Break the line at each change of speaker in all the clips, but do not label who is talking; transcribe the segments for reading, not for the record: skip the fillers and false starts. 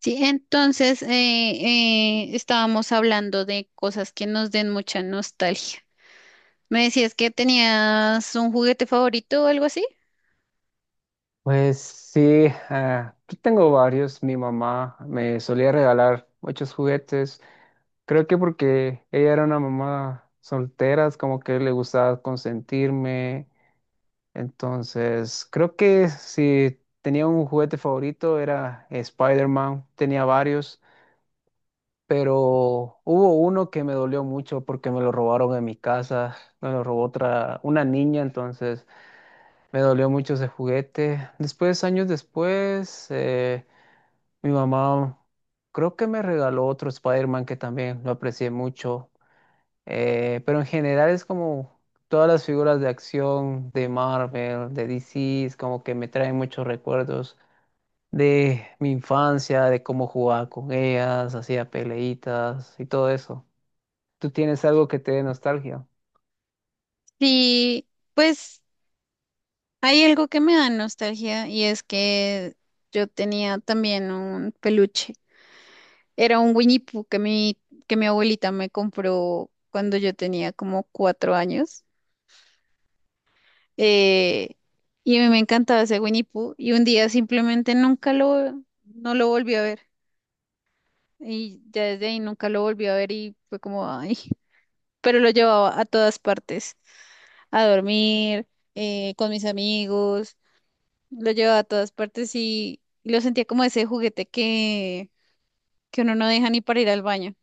Sí, entonces estábamos hablando de cosas que nos den mucha nostalgia. ¿Me decías que tenías un juguete favorito o algo así?
Pues sí, yo tengo varios. Mi mamá me solía regalar muchos juguetes. Creo que porque ella era una mamá soltera, es como que le gustaba consentirme. Entonces, creo que si tenía un juguete favorito era Spider-Man, tenía varios, pero hubo uno que me dolió mucho porque me lo robaron en mi casa, me lo robó otra, una niña, entonces me dolió mucho ese juguete. Después, años después, mi mamá creo que me regaló otro Spider-Man que también lo aprecié mucho. Pero en general es como todas las figuras de acción de Marvel, de DC, es como que me traen muchos recuerdos de mi infancia, de cómo jugaba con ellas, hacía peleitas y todo eso. ¿Tú tienes algo que te dé nostalgia?
Sí, pues hay algo que me da nostalgia y es que yo tenía también un peluche. Era un Winnie Pooh que mi abuelita me compró cuando yo tenía como 4 años. Eh, y a mí me encantaba ese Winnie Pooh y un día simplemente nunca lo, no lo volví a ver. Y ya desde ahí nunca lo volví a ver y fue como, ay, pero lo llevaba a todas partes, a dormir, con mis amigos. Lo llevaba a todas partes y lo sentía como ese juguete que uno no deja ni para ir al baño.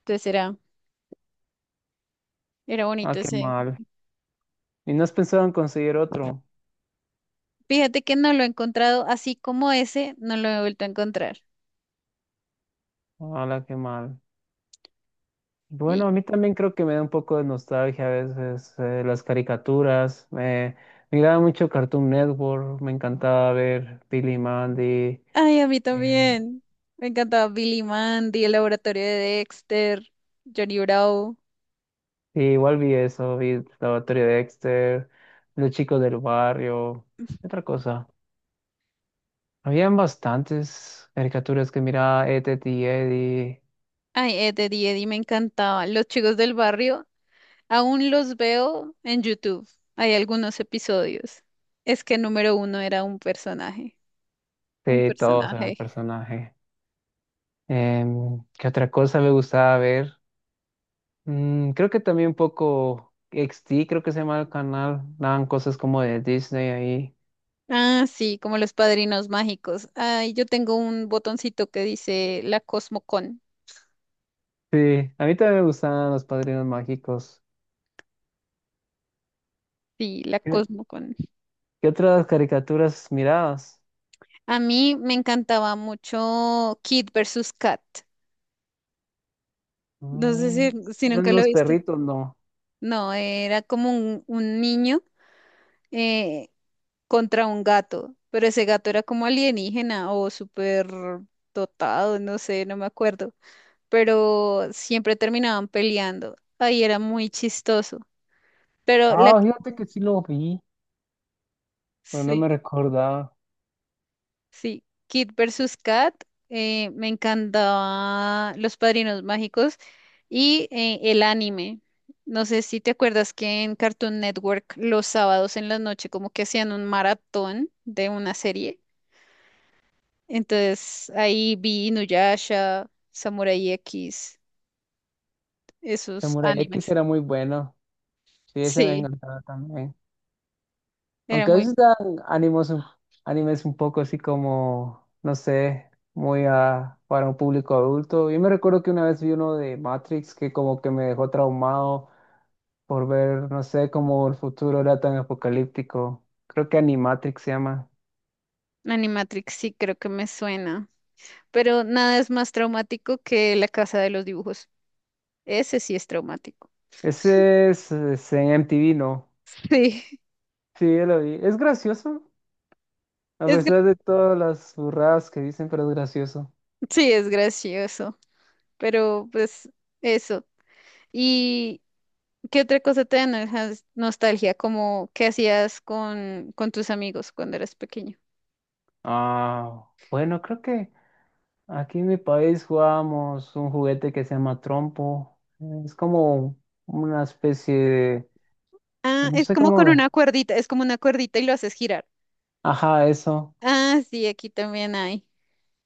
Entonces era, Era
Ah,
bonito
qué
ese.
mal. ¿Y no has pensado en conseguir otro?
Fíjate que no lo he encontrado así como ese, no lo he vuelto a encontrar.
Ah, qué mal.
Y,
Bueno, a mí también creo que me da un poco de nostalgia a veces las caricaturas. Me miraba mucho Cartoon Network, me encantaba ver Billy y Mandy.
ay, a mí
eh,
también. Me encantaba Billy Mandy, el laboratorio de Dexter, Johnny Bravo.
y igual vi eso, vi Laboratorio de Dexter, Los Chicos del Barrio, ¿qué otra cosa? Habían bastantes caricaturas que miraba, Ed, Edd y Eddie,
Ay, Ed, Eddie me encantaba. Los chicos del barrio, aún los veo en YouTube. Hay algunos episodios. Es que número uno era un personaje. Un
de todos eran
personaje.
personajes. ¿Qué otra cosa me gustaba ver? Mm, creo que también un poco XT, creo que se llama el canal. Daban cosas como de Disney ahí.
Ah, sí, como los padrinos mágicos. Ay, yo tengo un botoncito que dice la Cosmocon.
Sí, a mí también me gustaban los Padrinos Mágicos.
Sí, la
¿Qué,
Cosmocon.
qué otras caricaturas mirabas?
A mí me encantaba mucho Kid versus Kat. No sé si,
Mm,
si
¿eran
nunca lo
unos
viste.
perritos, no?
No, era como un niño eh, contra un gato, pero ese gato era como alienígena o súper dotado, no sé, no me acuerdo. Pero siempre terminaban peleando. Ahí era muy chistoso. Pero
Ah, fíjate que sí lo vi, pero no
Sí.
me recordaba.
Sí, Kid versus Kat. Me encantaba Los Padrinos Mágicos y el anime. No sé si te acuerdas que en Cartoon Network los sábados en la noche como que hacían un maratón de una serie. Entonces ahí vi Inuyasha, Samurai X, esos
Samurai X
animes.
era muy bueno. Sí, ese me
Sí,
encantaba también.
era
Aunque a
muy
veces dan ánimos, un- animes un poco así como, no sé, muy para un público adulto. Yo me recuerdo que una vez vi uno de Matrix que como que me dejó traumado por ver, no sé, cómo el futuro era tan apocalíptico. Creo que Animatrix se llama.
Animatrix, sí, creo que me suena. Pero nada es más traumático que La Casa de los Dibujos. Ese sí es traumático.
Ese es en MTV, ¿no?
Sí,
Sí, ya lo vi. Es gracioso, a
es
pesar de todas las burradas que dicen, pero es gracioso.
sí, es gracioso, pero pues eso. ¿Y qué otra cosa te da nostalgia? Como qué hacías con tus amigos cuando eras pequeño.
Ah, bueno, creo que... Aquí en mi país jugábamos un juguete que se llama trompo. Es como una especie de,
Ah,
no
es
sé
como
cómo,
con
de-
una cuerdita, es como una cuerdita y lo haces girar.
ajá, eso.
Ah, sí, aquí también hay.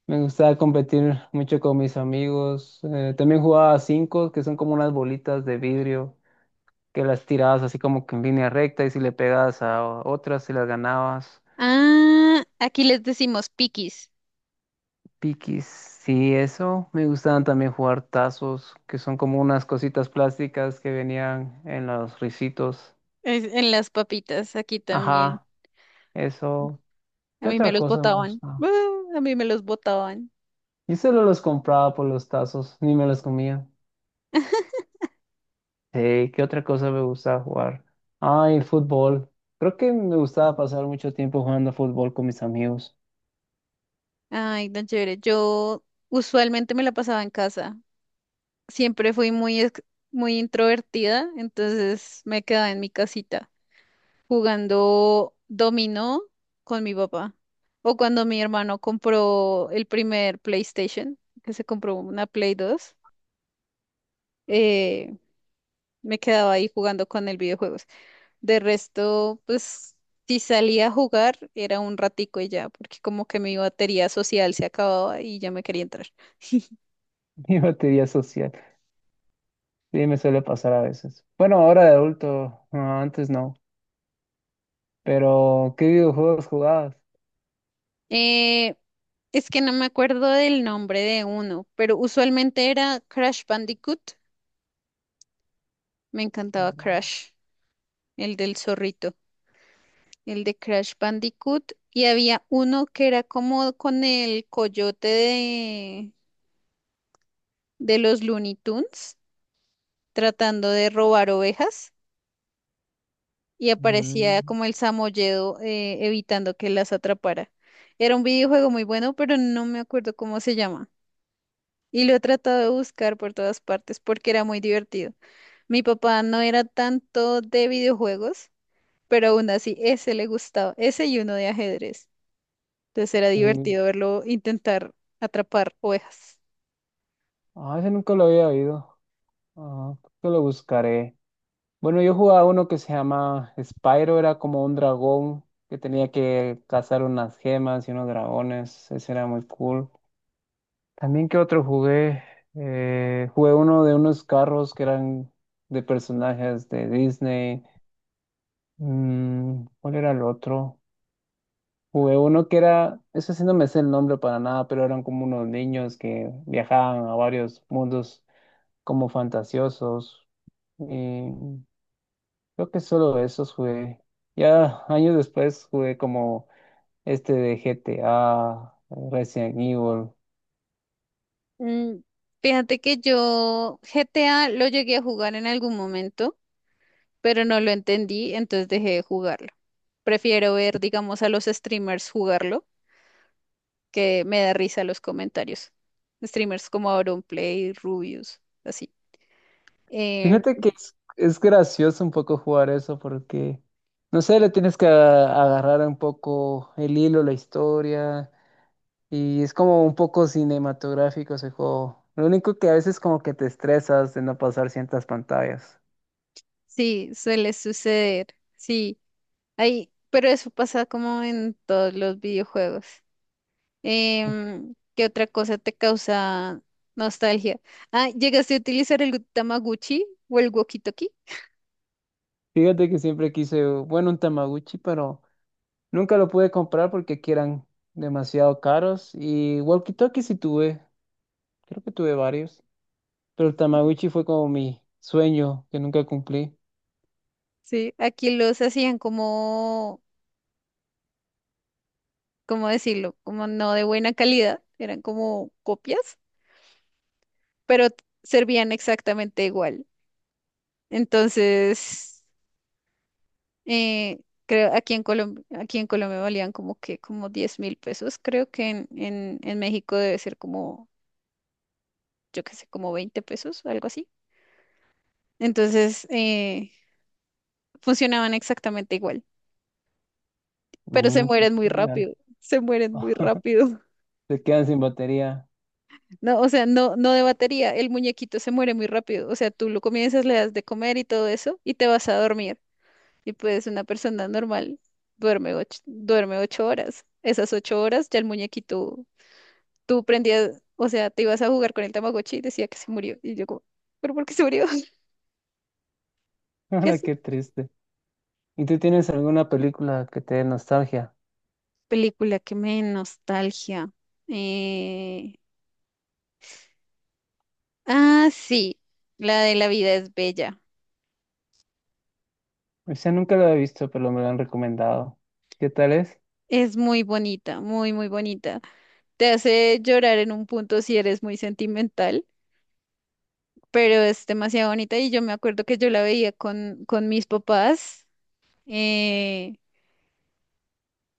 Me gustaba competir mucho con mis amigos. También jugaba a cinco, que son como unas bolitas de vidrio que las tirabas así como que en línea recta y si le pegabas a otras, si las ganabas.
Ah, aquí les decimos piquis
Piquis, sí, eso. Me gustaban también jugar tazos, que son como unas cositas plásticas que venían en los risitos.
en las papitas, aquí también.
Ajá. Eso.
A
¿Qué
mí me
otra
los
cosa me
botaban.
gustaba?
Ah, a mí me los botaban.
Yo solo los compraba por los tazos, ni me los comía. Sí, ¿qué otra cosa me gustaba jugar? Ay, fútbol. Creo que me gustaba pasar mucho tiempo jugando fútbol con mis amigos.
Ay, tan chévere. Yo usualmente me la pasaba en casa. Siempre fui muy introvertida, entonces me quedaba en mi casita jugando dominó con mi papá. O cuando mi hermano compró el primer PlayStation, que se compró una Play 2, eh, me quedaba ahí jugando con el videojuegos. De resto, pues si salía a jugar era un ratico y ya, porque como que mi batería social se acababa y ya me quería entrar.
Mi batería social. Sí, me suele pasar a veces. Bueno, ahora de adulto, no, antes no. Pero, ¿qué videojuegos jugabas?
Eh, es que no me acuerdo del nombre de uno, pero usualmente era Crash Bandicoot. Me encantaba
Mm,
Crash, el del zorrito, el de Crash Bandicoot. Y había uno que era como con el coyote de los Looney Tunes, tratando de robar ovejas. Y aparecía
mm,
como el samoyedo evitando que las atrapara. Era un videojuego muy bueno, pero no me acuerdo cómo se llama. Y lo he tratado de buscar por todas partes porque era muy divertido. Mi papá no era tanto de videojuegos, pero aún así ese le gustaba, ese y uno de ajedrez. Entonces era
sí.
divertido verlo intentar atrapar ovejas.
Ah, ese nunca lo había oído. Ah, creo que lo buscaré. Bueno, yo jugaba uno que se llama Spyro, era como un dragón que tenía que cazar unas gemas y unos dragones, ese era muy cool. También que otro jugué, jugué uno de unos carros que eran de personajes de Disney. Mm, ¿cuál era el otro? Jugué uno que era, eso sí no me sé el nombre para nada, pero eran como unos niños que viajaban a varios mundos como fantasiosos. Creo que solo esos jugué. Ya años después jugué como este de GTA, Resident Evil.
Mm, fíjate que yo GTA lo llegué a jugar en algún momento, pero no lo entendí, entonces dejé de jugarlo. Prefiero ver, digamos, a los streamers jugarlo, que me da risa los comentarios. Streamers como AuronPlay, Rubius, así. Em,
Fíjate que es gracioso un poco jugar eso porque, no sé, le tienes que agarrar un poco el hilo, la historia, y es como un poco cinematográfico ese juego. Lo único que a veces como que te estresas de no pasar ciertas pantallas.
sí, suele suceder. Sí, ay, pero eso pasa como en todos los videojuegos. Em, ¿qué otra cosa te causa nostalgia? Ah, ¿llegaste a utilizar el Tamaguchi o el walkie-talkie?
Fíjate que siempre quise, bueno, un Tamaguchi, pero... Nunca lo pude comprar porque aquí eran demasiado caros. Y walkie-talkie sí tuve, creo que tuve varios. Pero el Tamagotchi fue como mi sueño que nunca cumplí.
Sí, aquí los hacían como, ¿cómo decirlo? Como no de buena calidad, eran como copias, pero servían exactamente igual. Entonces, eh, creo aquí en Colombia valían como que como 10.000 pesos, creo que en México debe ser como yo qué sé, como 20 pesos o algo así. Entonces, funcionaban exactamente igual, pero
Mm, qué genial.
se mueren muy rápido.
Se quedan sin batería.
No, o sea, no, no de batería, el muñequito se muere muy rápido. O sea, tú lo comienzas, le das de comer y todo eso, y te vas a dormir. Y pues una persona normal duerme ocho horas. Esas 8 horas ya el muñequito, tú prendías, o sea, te ibas a jugar con el Tamagotchi y decía que se murió. Y yo como, ¿pero por qué se murió? ¿Qué
Ahora
así
qué triste. ¿Y tú tienes alguna película que te dé nostalgia?
película que me dé nostalgia. Eh, sí, la de La vida es bella.
O sea, nunca lo he visto, pero me lo han recomendado. ¿Qué tal es?
Es muy bonita, muy bonita. Te hace llorar en un punto si eres muy sentimental, pero es demasiado bonita y yo me acuerdo que yo la veía con mis papás. eh,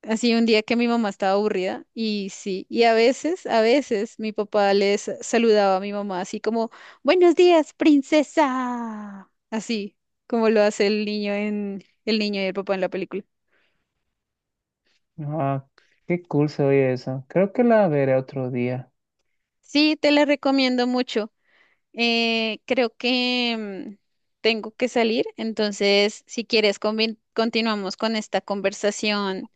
Así un día que mi mamá estaba aburrida y sí, y a veces mi papá les saludaba a mi mamá así como, buenos días, princesa. Así como lo hace el niño en el niño y el papá en la película.
Ah, qué cool se oye eso. Creo que la veré otro día.
Sí, te la recomiendo mucho. Creo que mm, tengo que salir, entonces si quieres continuamos con esta conversación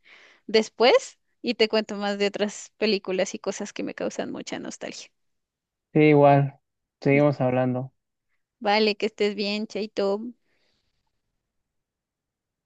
después y te cuento más de otras películas y cosas que me causan mucha nostalgia.
Sí, igual. Seguimos hablando.
Vale, que estés bien, Chaito.